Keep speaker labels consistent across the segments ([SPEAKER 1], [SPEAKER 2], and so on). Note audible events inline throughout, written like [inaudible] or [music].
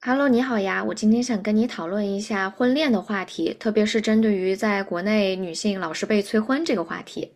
[SPEAKER 1] Hello，你好呀，我今天想跟你讨论一下婚恋的话题，特别是针对于在国内女性老是被催婚这个话题。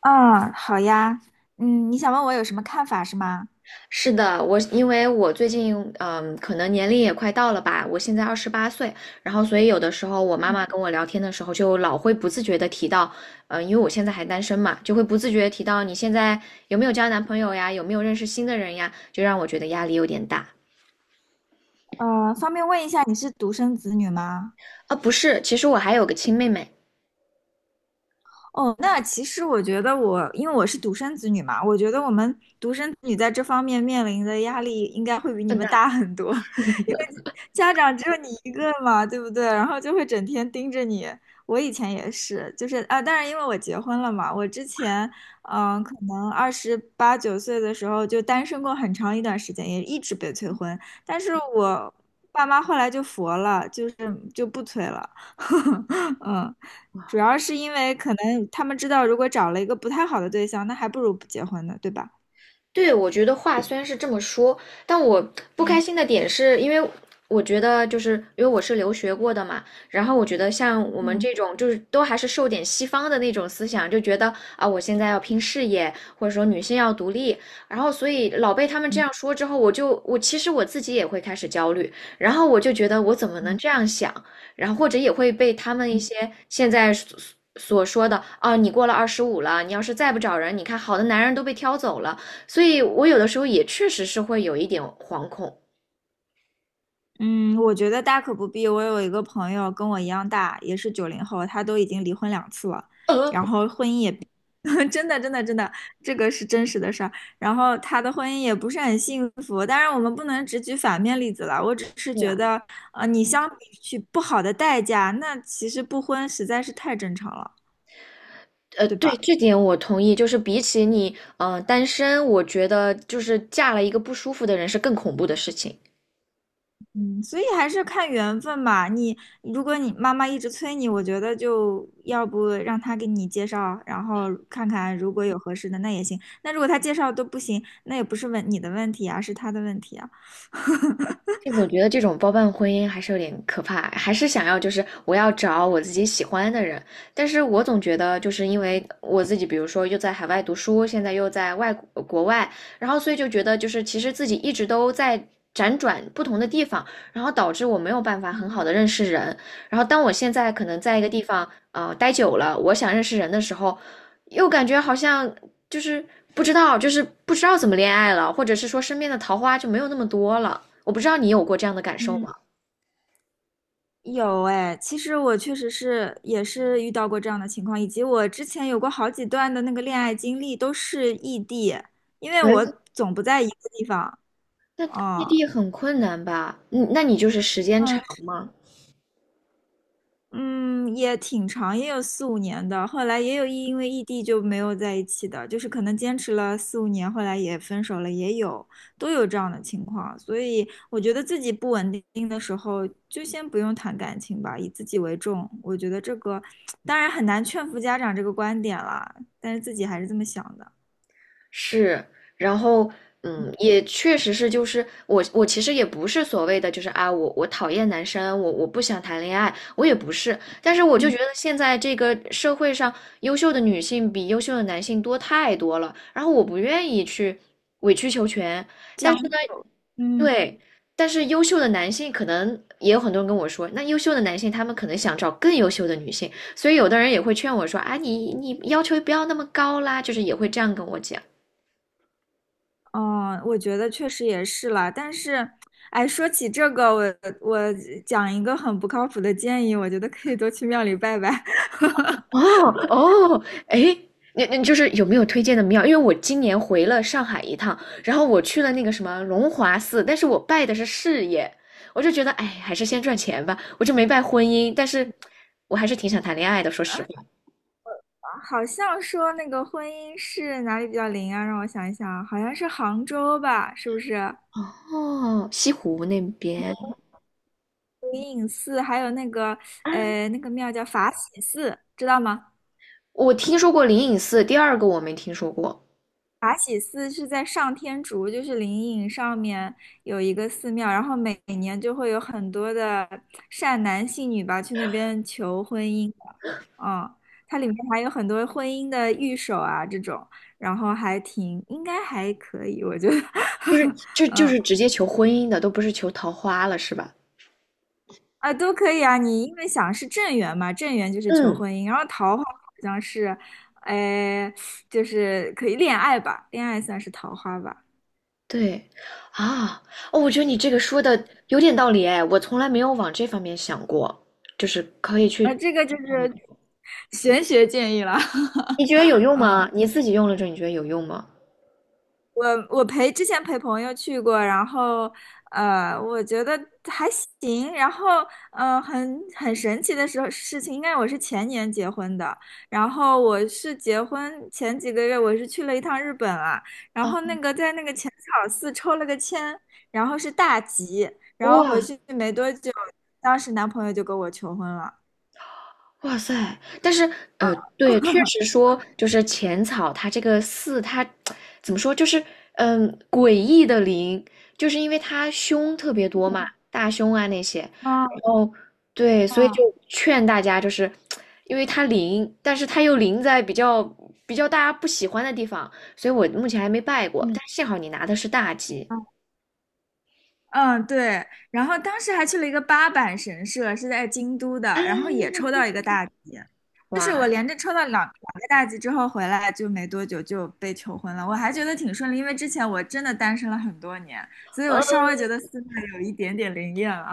[SPEAKER 2] 嗯，好呀，你想问我有什么看法是吗？
[SPEAKER 1] 是的，因为我最近可能年龄也快到了吧，我现在28岁。然后所以有的时候我妈
[SPEAKER 2] 嗯
[SPEAKER 1] 妈跟我聊天的时候，就老会不自觉的提到。因为我现在还单身嘛，就会不自觉地提到你现在有没有交男朋友呀，有没有认识新的人呀，就让我觉得压力有点大。
[SPEAKER 2] 方便问一下你是独生子女吗？
[SPEAKER 1] 啊，不是，其实我还有个亲妹妹。
[SPEAKER 2] 哦，那其实我觉得我，因为我是独生子女嘛，我觉得我们独生子女在这方面面临的压力应该会比你
[SPEAKER 1] 嗯，
[SPEAKER 2] 们大很多。[laughs] 因为家长只有你一个嘛，对不对？然后就会整天盯着你。我以前也是，就是啊，当然因为我结婚了嘛，我之前可能二十八九岁的时候就单身过很长一段时间，也一直被催婚。但是我爸妈后来就佛了，就是就不催了。[laughs] 嗯，主要是因为可能他们知道，如果找了一个不太好的对象，那还不如不结婚呢，对吧？
[SPEAKER 1] 对，我觉得话虽然是这么说，但我不开
[SPEAKER 2] 嗯
[SPEAKER 1] 心的点是因为我觉得就是因为我是留学过的嘛，然后我觉得像我们
[SPEAKER 2] 嗯
[SPEAKER 1] 这种就是都还是受点西方的那种思想，就觉得啊我现在要拼事业，或者说女性要独立。然后所以老被他们这样
[SPEAKER 2] 嗯
[SPEAKER 1] 说之后，我就我其实我自己也会开始焦虑，然后我就觉得我怎么能
[SPEAKER 2] 嗯。
[SPEAKER 1] 这样想，然后或者也会被他们一
[SPEAKER 2] 嗯
[SPEAKER 1] 些现在所说的啊你过了25了，你要是再不找人，你看好的男人都被挑走了。所以我有的时候也确实是会有一点惶恐。
[SPEAKER 2] 嗯，我觉得大可不必。我有一个朋友跟我一样大，也是90后，他都已经离婚2次了，
[SPEAKER 1] 呃，
[SPEAKER 2] 然后婚姻也，[laughs] 真的真的真的，这个是真实的事儿。然后他的婚姻也不是很幸福。当然，我们不能只举反面例子了。我只是
[SPEAKER 1] 是
[SPEAKER 2] 觉
[SPEAKER 1] 吧？
[SPEAKER 2] 得，你相比去不好的代价，那其实不婚实在是太正常了，对
[SPEAKER 1] 对，
[SPEAKER 2] 吧？
[SPEAKER 1] 这点我同意。就是比起你，单身，我觉得就是嫁了一个不舒服的人是更恐怖的事情。
[SPEAKER 2] 嗯，所以还是看缘分吧。你如果你妈妈一直催你，我觉得就要不让她给你介绍，然后看看如果有合适的那也行。那如果她介绍都不行，那也不是问你的问题啊，是她的问题啊。
[SPEAKER 1] 就总觉得这种包办婚姻还是有点可怕，还是想要就是我要找我自己喜欢的人。但是我总觉得就是因为我自己，比如说又在海外读书，现在又在国外，然后所以就觉得就是其实自己一直都在辗转不同的地方，然后导致我没有办法
[SPEAKER 2] 嗯
[SPEAKER 1] 很好的认识人，然后当我现在可能在一个
[SPEAKER 2] 嗯，
[SPEAKER 1] 地方待久了，我想认识人的时候，又感觉好像就是就是不知道怎么恋爱了，或者是说身边的桃花就没有那么多了。我不知道你有过这样的感
[SPEAKER 2] [laughs]
[SPEAKER 1] 受
[SPEAKER 2] 嗯，
[SPEAKER 1] 吗？
[SPEAKER 2] 有哎，其实我确实是也是遇到过这样的情况，以及我之前有过好几段的那个恋爱经历都是异地，因为我
[SPEAKER 1] 来
[SPEAKER 2] 总不在一个地方。
[SPEAKER 1] 异
[SPEAKER 2] 哦，
[SPEAKER 1] 地很困难吧？嗯，那你就是时间长吗？
[SPEAKER 2] 嗯，也挺长，也有四五年的。后来也有因为异地就没有在一起的，就是可能坚持了四五年，后来也分手了，也有，都有这样的情况。所以我觉得自己不稳定的时候，就先不用谈感情吧，以自己为重。我觉得这个当然很难劝服家长这个观点啦，但是自己还是这么想的。
[SPEAKER 1] 是。然后也确实是，就是我其实也不是所谓的就是啊，我讨厌男生，我不想谈恋爱，我也不是。但是我就
[SPEAKER 2] 嗯，
[SPEAKER 1] 觉得现在这个社会上优秀的女性比优秀的男性多太多了，然后我不愿意去委曲求全。但是
[SPEAKER 2] 将
[SPEAKER 1] 呢，
[SPEAKER 2] 就，
[SPEAKER 1] 对，但是优秀的男性可能也有很多人跟我说，那优秀的男性他们可能想找更优秀的女性，所以有的人也会劝我说啊，你要求不要那么高啦，就是也会这样跟我讲。
[SPEAKER 2] 哦，我觉得确实也是啦。但是，哎，说起这个，我我讲一个很不靠谱的建议，我觉得可以多去庙里拜拜。
[SPEAKER 1] 哦，哦，哎，你就是有没有推荐的庙？因为我今年回了上海一趟，然后我去了那个什么龙华寺，但是我拜的是事业，我就觉得哎，还是先赚钱吧。我就没拜婚姻，但是我还是挺想谈恋爱的，说实话。
[SPEAKER 2] [laughs] 好像说那个婚姻是哪里比较灵啊？让我想一想啊，好像是杭州吧，是不是？
[SPEAKER 1] 哦，西湖那边。
[SPEAKER 2] 灵隐寺，还有那个
[SPEAKER 1] 啊，
[SPEAKER 2] 那个庙叫法喜寺，知道吗？
[SPEAKER 1] 我听说过灵隐寺，第二个我没听说过。
[SPEAKER 2] 法喜寺是在上天竺，就是灵隐上面有一个寺庙，然后每年就会有很多的善男信女吧去那边求婚姻的。嗯，它里面还有很多婚姻的御守啊这种，然后还挺应该还可以，我觉得。
[SPEAKER 1] 就
[SPEAKER 2] [laughs]
[SPEAKER 1] 是就就
[SPEAKER 2] 嗯
[SPEAKER 1] 是直接求婚姻的，都不是求桃花了，是吧？
[SPEAKER 2] 啊都可以啊，你因为想是正缘嘛，正缘就是求
[SPEAKER 1] 嗯，
[SPEAKER 2] 婚姻，然后桃花好像是，哎，就是可以恋爱吧，恋爱算是桃花吧。
[SPEAKER 1] 对，啊，哦，我觉得你这个说的有点道理哎，我从来没有往这方面想过，就是可以去。
[SPEAKER 2] 啊，这个就
[SPEAKER 1] 你
[SPEAKER 2] 是玄学建议了。
[SPEAKER 1] 你觉得有
[SPEAKER 2] [laughs]
[SPEAKER 1] 用吗？
[SPEAKER 2] 嗯，
[SPEAKER 1] 你自己用了之后，你觉得有用吗？
[SPEAKER 2] 我之前陪朋友去过，然后我觉得还行。然后很神奇的时候事情，应该我是前年结婚的。然后我是结婚前几个月，我是去了一趟日本啊。然
[SPEAKER 1] 啊，
[SPEAKER 2] 后那个在那个浅草寺抽了个签，然后是大吉。然后回
[SPEAKER 1] 哇，
[SPEAKER 2] 去没多久，当时男朋友就跟我求婚了。
[SPEAKER 1] 哇塞！但是，对，确实
[SPEAKER 2] [laughs]
[SPEAKER 1] 说，就是浅草它这个寺，它怎么说，就是诡异的灵，就是因为它凶特别多嘛，大凶啊那些。然
[SPEAKER 2] 啊
[SPEAKER 1] 后，对，所以
[SPEAKER 2] 啊，
[SPEAKER 1] 就劝大家，就是因为它灵，但是它又灵在比较大家不喜欢的地方，所以我目前还没拜过。
[SPEAKER 2] 嗯。
[SPEAKER 1] 但幸好你拿的是大吉。
[SPEAKER 2] 嗯，对，然后当时还去了一个八坂神社，是在京都的，然后也抽到一个大吉，就是我
[SPEAKER 1] 哇，
[SPEAKER 2] 连着抽到两个大吉之后回来就没多久就被求婚了，我还觉得挺顺利，因为之前我真的单身了很多年，所以我稍微觉得寺庙有一点点灵验了。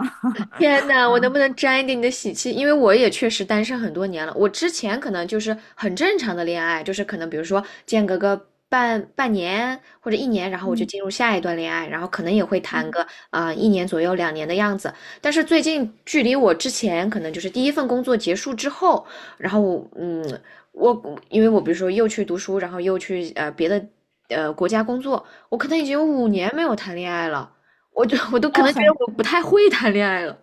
[SPEAKER 1] 天
[SPEAKER 2] [laughs]
[SPEAKER 1] 呐，我
[SPEAKER 2] 嗯
[SPEAKER 1] 能不能沾一点你的喜气？因为我也确实单身很多年了。我之前可能就是很正常的恋爱，就是可能比如说间隔个半年或者一年，然后我就
[SPEAKER 2] 嗯
[SPEAKER 1] 进入下一段恋爱，然后可能也会谈
[SPEAKER 2] 嗯，
[SPEAKER 1] 个一年左右2年的样子。但是最近距离我之前可能就是第一份工作结束之后，然后我嗯，我因为我比如说又去读书，然后又去别的国家工作，我可能已经有5年没有谈恋爱了。我都可
[SPEAKER 2] 哦，
[SPEAKER 1] 能觉得我不太会谈恋爱了。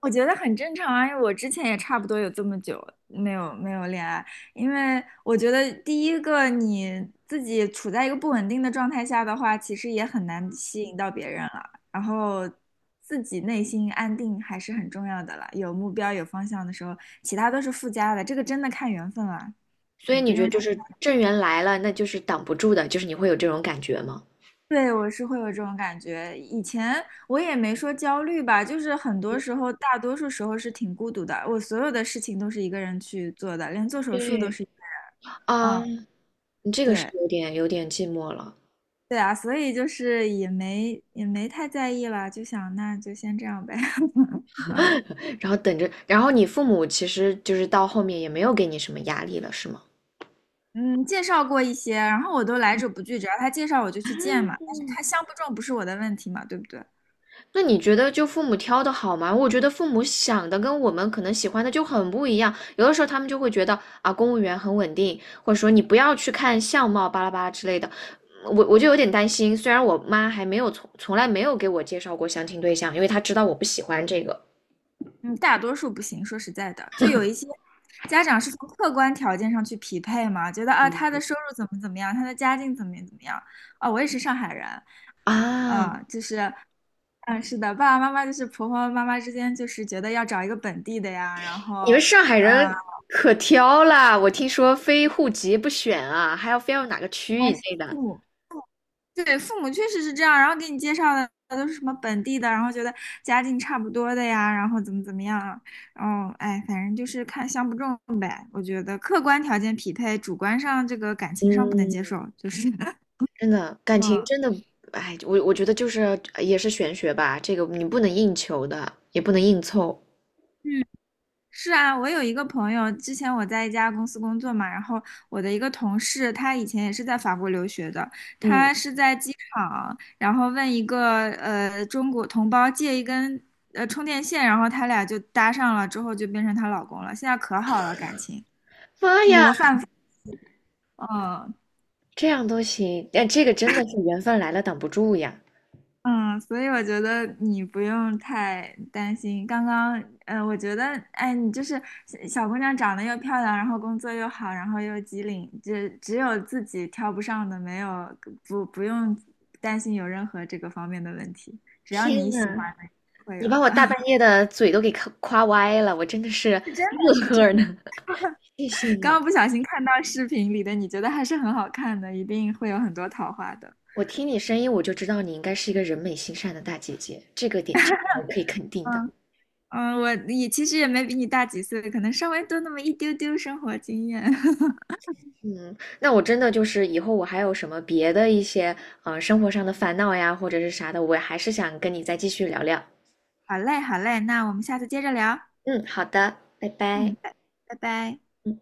[SPEAKER 2] 我觉得很正常啊，因为我之前也差不多有这么久没有恋爱，因为我觉得第一个你自己处在一个不稳定的状态下的话，其实也很难吸引到别人了。然后自己内心安定还是很重要的了，有目标有方向的时候，其他都是附加的，这个真的看缘分了，
[SPEAKER 1] 所以
[SPEAKER 2] 不
[SPEAKER 1] 你觉得
[SPEAKER 2] 用
[SPEAKER 1] 就
[SPEAKER 2] 太。
[SPEAKER 1] 是正缘来了，那就是挡不住的，就是你会有这种感觉吗？
[SPEAKER 2] 对，我是会有这种感觉。以前我也没说焦虑吧，就是很多时候，大多数时候是挺孤独的。我所有的事情都是一个人去做的，连做手术都
[SPEAKER 1] 对，
[SPEAKER 2] 是一个人。
[SPEAKER 1] 啊，
[SPEAKER 2] 嗯，
[SPEAKER 1] 你这个是
[SPEAKER 2] 对，
[SPEAKER 1] 有点寂寞了。
[SPEAKER 2] 对啊，所以就是也没也没太在意了，就想那就先这样呗。[laughs] 嗯
[SPEAKER 1] [laughs] 然后等着，然后你父母其实就是到后面也没有给你什么压力了，是吗？
[SPEAKER 2] 嗯，介绍过一些，然后我都来者不拒，只要他介绍我就去见嘛。但是他相不中不是我的问题嘛，对不对？
[SPEAKER 1] 那你觉得就父母挑的好吗？我觉得父母想的跟我们可能喜欢的就很不一样，有的时候他们就会觉得啊，公务员很稳定，或者说你不要去看相貌巴拉巴拉之类的，我就有点担心，虽然我妈还没有从来没有给我介绍过相亲对象，因为她知道我不喜欢这个
[SPEAKER 2] 嗯，大多数不行。说实在的，就有一些家长是从客观条件上去匹配嘛，觉得啊，他的收入怎么怎么样，他的家境怎么怎么样啊。我也是上海人，
[SPEAKER 1] 啊。
[SPEAKER 2] 啊，就是，嗯，是的，爸爸妈妈就是婆婆妈妈之间就是觉得要找一个本地的呀，然
[SPEAKER 1] 你
[SPEAKER 2] 后，
[SPEAKER 1] 们上海
[SPEAKER 2] 啊，
[SPEAKER 1] 人可挑啦，我听说非户籍不选啊，还要非要哪个区以
[SPEAKER 2] 但是
[SPEAKER 1] 内的。
[SPEAKER 2] 父母对，父母确实是这样，然后给你介绍的都是什么本地的，然后觉得家境差不多的呀，然后怎么怎么样啊，然后哎，反正就是看相不中呗。我觉得客观条件匹配，主观上这个感情上不能
[SPEAKER 1] 嗯，
[SPEAKER 2] 接受，就是 [laughs]
[SPEAKER 1] 真的感情
[SPEAKER 2] 嗯。
[SPEAKER 1] 真的，哎，我觉得就是也是玄学吧，这个你不能硬求的，也不能硬凑。
[SPEAKER 2] 是啊，我有一个朋友，之前我在一家公司工作嘛，然后我的一个同事，他以前也是在法国留学的，
[SPEAKER 1] 嗯，
[SPEAKER 2] 他是在机场，然后问一个中国同胞借一根充电线，然后他俩就搭上了，之后就变成她老公了，现在可好了感情，
[SPEAKER 1] 妈呀，
[SPEAKER 2] 模范夫，嗯，
[SPEAKER 1] 这样都行，但这个真的是缘分来了挡不住呀！
[SPEAKER 2] 嗯，所以我觉得你不用太担心。刚刚，我觉得，哎，你就是小姑娘长得又漂亮，然后工作又好，然后又机灵，只有自己挑不上的，没有不用担心有任何这个方面的问题。只要
[SPEAKER 1] 天
[SPEAKER 2] 你喜欢
[SPEAKER 1] 呐，
[SPEAKER 2] 的，会
[SPEAKER 1] 你
[SPEAKER 2] 有
[SPEAKER 1] 把我
[SPEAKER 2] 的。
[SPEAKER 1] 大半
[SPEAKER 2] [laughs]
[SPEAKER 1] 夜的嘴都给夸夸歪了，我真的是
[SPEAKER 2] 是真的
[SPEAKER 1] 乐
[SPEAKER 2] 是真的。
[SPEAKER 1] 呵呢。[laughs] 谢谢
[SPEAKER 2] 刚
[SPEAKER 1] 你，
[SPEAKER 2] 刚不小心看到视频里的，你觉得还是很好看的，一定会有很多桃花的。
[SPEAKER 1] 我听你声音我就知道你应该是一个人美心善的大姐姐，这个点这个我可以肯定的。
[SPEAKER 2] 嗯嗯，我也其实也没比你大几岁，可能稍微多那么一丢丢生活经验。[laughs]
[SPEAKER 1] 嗯，那我真的就是以后我还有什么别的一些生活上的烦恼呀，或者是啥的，我还是想跟你再继续聊聊。
[SPEAKER 2] 好嘞，好嘞，那我们下次接着聊。
[SPEAKER 1] 嗯，好的，拜
[SPEAKER 2] 嗯，
[SPEAKER 1] 拜。
[SPEAKER 2] 拜拜拜
[SPEAKER 1] 嗯。